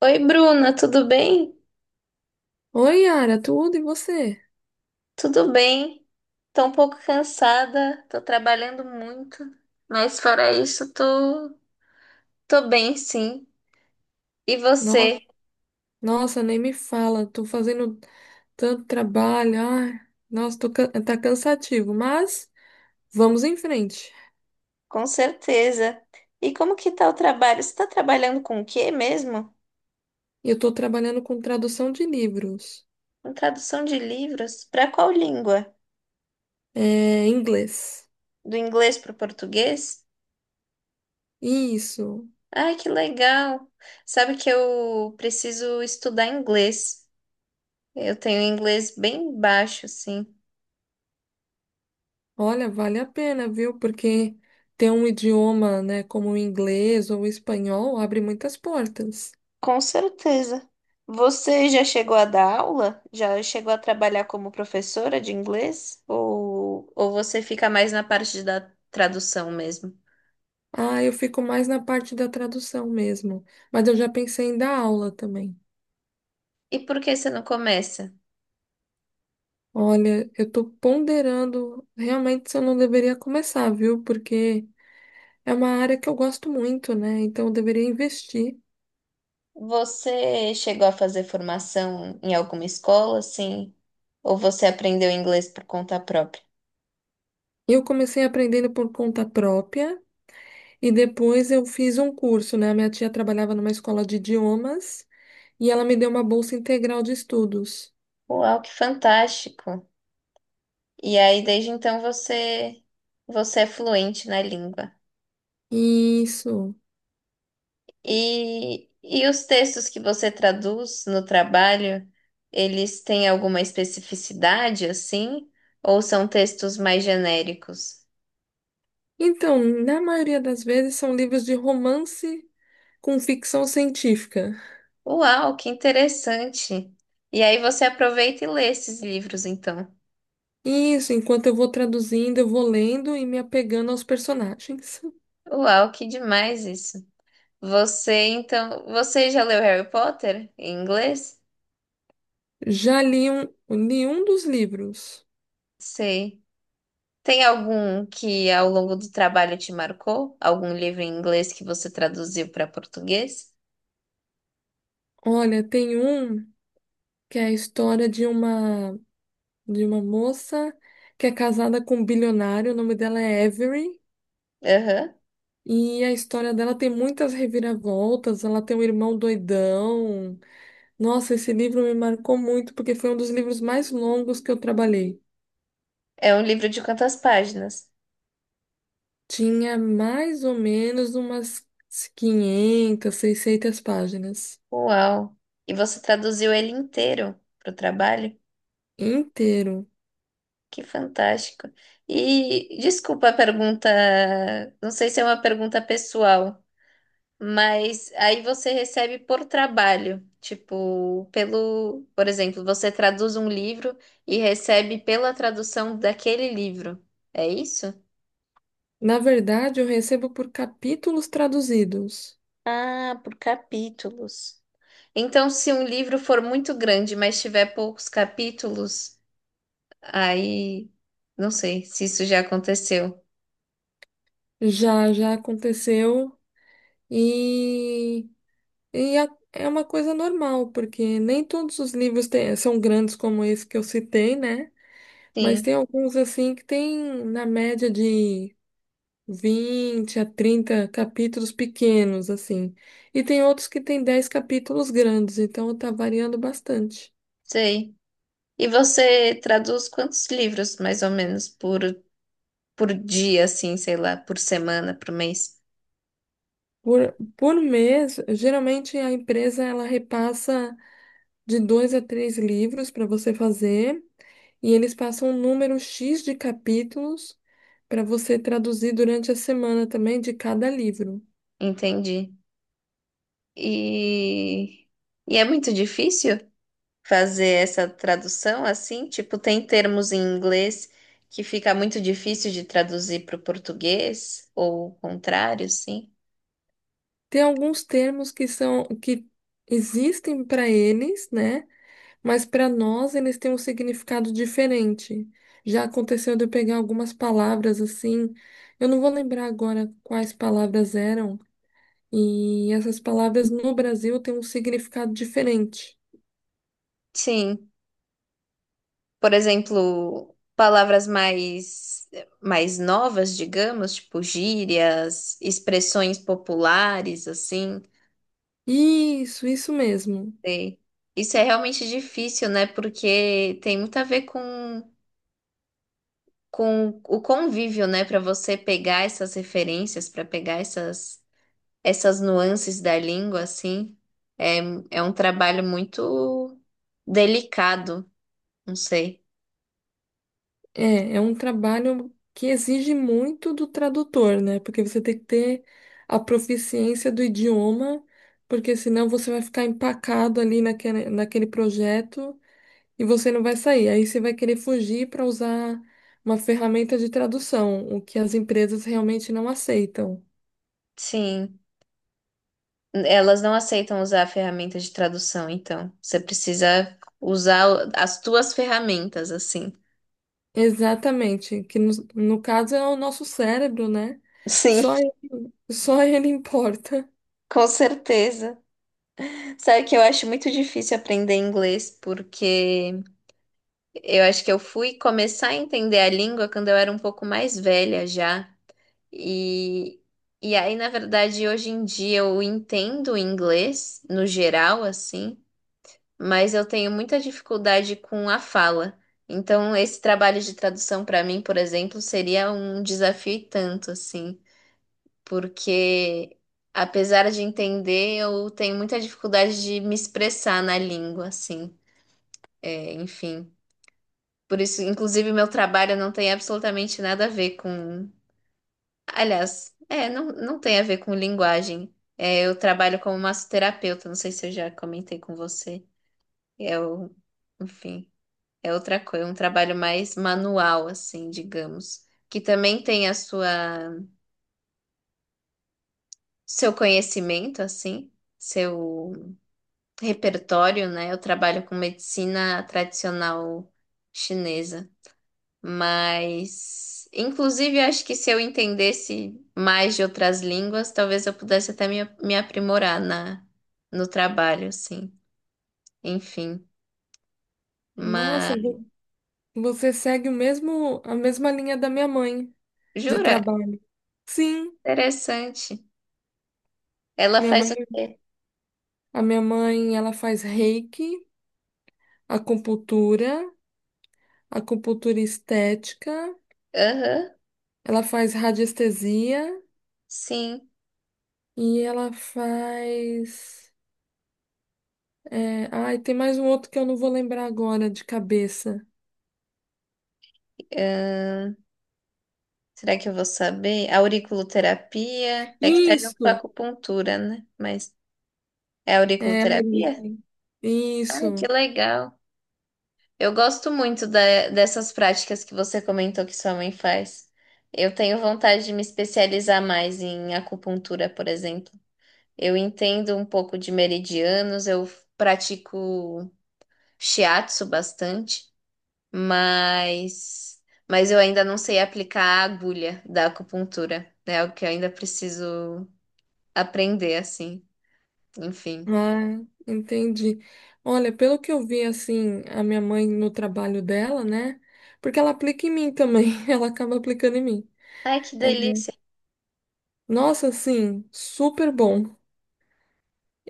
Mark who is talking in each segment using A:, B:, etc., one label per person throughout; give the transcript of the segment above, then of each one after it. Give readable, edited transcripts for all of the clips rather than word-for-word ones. A: Oi, Bruna, tudo bem?
B: Oi, Yara, tudo e você?
A: Tudo bem. Tô um pouco cansada, tô trabalhando muito, mas fora isso, tô bem, sim. E você?
B: No- Nossa, nem me fala, tô fazendo tanto trabalho, ai, nossa, tá cansativo, mas vamos em frente.
A: Com certeza. E como que tá o trabalho? Você tá trabalhando com o quê mesmo?
B: Eu tô trabalhando com tradução de livros,
A: Com tradução de livros? Para qual língua?
B: é, em inglês.
A: Do inglês para o português?
B: Isso,
A: Ai, que legal! Sabe que eu preciso estudar inglês. Eu tenho inglês bem baixo, sim.
B: olha, vale a pena, viu? Porque ter um idioma, né, como o inglês ou o espanhol abre muitas portas.
A: Com certeza. Você já chegou a dar aula? Já chegou a trabalhar como professora de inglês? Ou você fica mais na parte da tradução mesmo?
B: Ah, eu fico mais na parte da tradução mesmo, mas eu já pensei em dar aula também.
A: E por que você não começa?
B: Olha, eu tô ponderando realmente se eu não deveria começar, viu? Porque é uma área que eu gosto muito, né? Então eu deveria investir.
A: Você chegou a fazer formação em alguma escola, assim? Ou você aprendeu inglês por conta própria?
B: Eu comecei aprendendo por conta própria e depois eu fiz um curso, né? A minha tia trabalhava numa escola de idiomas e ela me deu uma bolsa integral de estudos.
A: Uau, que fantástico! E aí, desde então, você é fluente na língua.
B: Isso.
A: E os textos que você traduz no trabalho, eles têm alguma especificidade assim? Ou são textos mais genéricos?
B: Então, na maioria das vezes são livros de romance com ficção científica.
A: Uau, que interessante! E aí você aproveita e lê esses livros, então.
B: Isso, enquanto eu vou traduzindo, eu vou lendo e me apegando aos personagens.
A: Uau, que demais isso! Você, então, você já leu Harry Potter em inglês?
B: Já li um dos livros.
A: Sei. Tem algum que ao longo do trabalho te marcou? Algum livro em inglês que você traduziu para português?
B: Olha, tem um que é a história de uma moça que é casada com um bilionário, o nome dela é Avery,
A: Aham.
B: e a história dela tem muitas reviravoltas, ela tem um irmão doidão. Nossa, esse livro me marcou muito porque foi um dos livros mais longos que eu trabalhei.
A: É um livro de quantas páginas?
B: Tinha mais ou menos umas 500, 600 páginas
A: Uau! E você traduziu ele inteiro para o trabalho?
B: inteiro.
A: Que fantástico! E desculpa a pergunta, não sei se é uma pergunta pessoal, mas aí você recebe por trabalho, tipo, pelo, por exemplo, você traduz um livro e recebe pela tradução daquele livro. É isso?
B: Na verdade, eu recebo por capítulos traduzidos.
A: Ah, por capítulos. Então, se um livro for muito grande, mas tiver poucos capítulos. Aí, não sei se isso já aconteceu.
B: Já aconteceu e, e é uma coisa normal, porque nem todos os são grandes como esse que eu citei, né? Mas tem
A: Sim,
B: alguns assim que tem na média de 20 a 30 capítulos pequenos, assim. E tem outros que tem 10 capítulos grandes, então tá variando bastante.
A: sei. E você traduz quantos livros, mais ou menos, por dia, assim, sei lá, por semana, por mês?
B: Por mês, geralmente a empresa ela repassa de dois a três livros para você fazer, e eles passam um número X de capítulos para você traduzir durante a semana também de cada livro.
A: Entendi. E, e é muito difícil fazer essa tradução assim? Tipo, tem termos em inglês que fica muito difícil de traduzir para o português, ou o contrário, sim?
B: Tem alguns termos que são que existem para eles, né? Mas para nós eles têm um significado diferente. Já aconteceu de eu pegar algumas palavras assim, eu não vou lembrar agora quais palavras eram, e essas palavras no Brasil têm um significado diferente.
A: Sim. Por exemplo, palavras mais, mais novas, digamos, tipo gírias, expressões populares, assim.
B: Isso mesmo.
A: Sei. Isso é realmente difícil, né? Porque tem muito a ver com o convívio, né? Para você pegar essas referências, para pegar essas, essas nuances da língua, assim. É, é um trabalho muito delicado, não sei.
B: É, é um trabalho que exige muito do tradutor, né? Porque você tem que ter a proficiência do idioma, porque senão você vai ficar empacado ali naquele projeto e você não vai sair. Aí você vai querer fugir para usar uma ferramenta de tradução, o que as empresas realmente não aceitam.
A: Sim. Elas não aceitam usar a ferramenta de tradução, então. Você precisa usar o- as tuas ferramentas, assim.
B: Exatamente, que no caso é o nosso cérebro, né?
A: Sim,
B: Só, só ele importa.
A: com certeza. Sabe que eu acho muito difícil aprender inglês, porque eu acho que eu fui começar a entender a língua quando eu era um pouco mais velha já. E, e aí, na verdade, hoje em dia eu entendo o inglês no geral, assim. Mas eu tenho muita dificuldade com a fala. Então, esse trabalho de tradução para mim, por exemplo, seria um desafio e tanto, assim, porque apesar de entender, eu tenho muita dificuldade de me expressar na língua, assim. É, enfim. Por isso, inclusive, meu trabalho não tem absolutamente nada a ver com. Aliás, é, não, não tem a ver com linguagem. É, eu trabalho como massoterapeuta, não sei se eu já comentei com você. Eu, enfim. É outra coisa, um trabalho mais manual, assim, digamos, que também tem a sua seu conhecimento, assim, seu repertório, né? Eu trabalho com medicina tradicional chinesa, mas inclusive acho que se eu entendesse mais de outras línguas, talvez eu pudesse até me aprimorar na no trabalho, assim. Enfim,
B: Nossa,
A: mas
B: você segue o mesmo, a mesma linha da minha mãe. De
A: jura?
B: trabalho. Sim,
A: Interessante. Ela
B: minha mãe,
A: faz o quê?
B: a minha mãe, ela faz reiki, acupuntura, acupuntura estética,
A: Aham,
B: ela faz radiestesia
A: sim.
B: e ela faz tem mais um outro que eu não vou lembrar agora de cabeça.
A: Ah, será que eu vou saber? Auriculoterapia. É que tá junto com a
B: Isso,
A: acupuntura, né? Mas é
B: é,
A: auriculoterapia?
B: Aurico,
A: Ai, que
B: isso.
A: legal. Eu gosto muito da- dessas práticas que você comentou que sua mãe faz. Eu tenho vontade de me especializar mais em acupuntura, por exemplo. Eu entendo um pouco de meridianos, eu pratico shiatsu bastante. mas mas eu ainda não sei aplicar a agulha da acupuntura, né? É o que eu ainda preciso aprender assim. Enfim.
B: Ah, entendi. Olha, pelo que eu vi assim, a minha mãe no trabalho dela, né? Porque ela aplica em mim também, ela acaba aplicando em mim.
A: Ai, que
B: É,
A: delícia.
B: nossa, assim, super bom.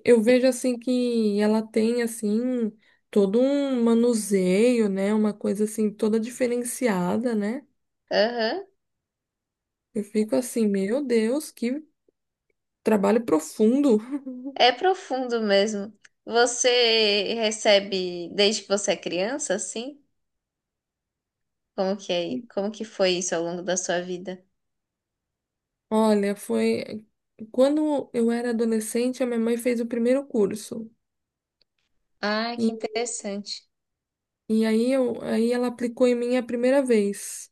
B: Eu vejo assim que ela tem assim todo um manuseio, né? Uma coisa assim toda diferenciada, né?
A: Aham.
B: Eu fico assim, meu Deus, que trabalho profundo.
A: É profundo mesmo. Você recebe desde que você é criança, assim? Como que é? Como que foi isso ao longo da sua vida?
B: Olha, foi quando eu era adolescente, a minha mãe fez o primeiro curso.
A: Ai, que
B: E,
A: interessante.
B: e aí, aí ela aplicou em mim a primeira vez.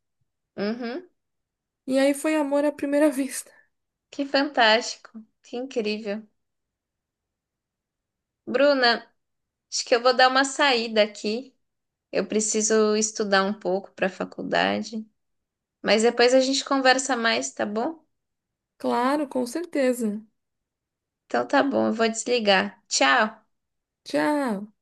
A: Uhum.
B: E aí foi amor à primeira vista.
A: Que fantástico. Que incrível. Bruna, acho que eu vou dar uma saída aqui. Eu preciso estudar um pouco para a faculdade, mas depois a gente conversa mais, tá bom?
B: Claro, com certeza.
A: Então tá bom, eu vou desligar. Tchau!
B: Tchau.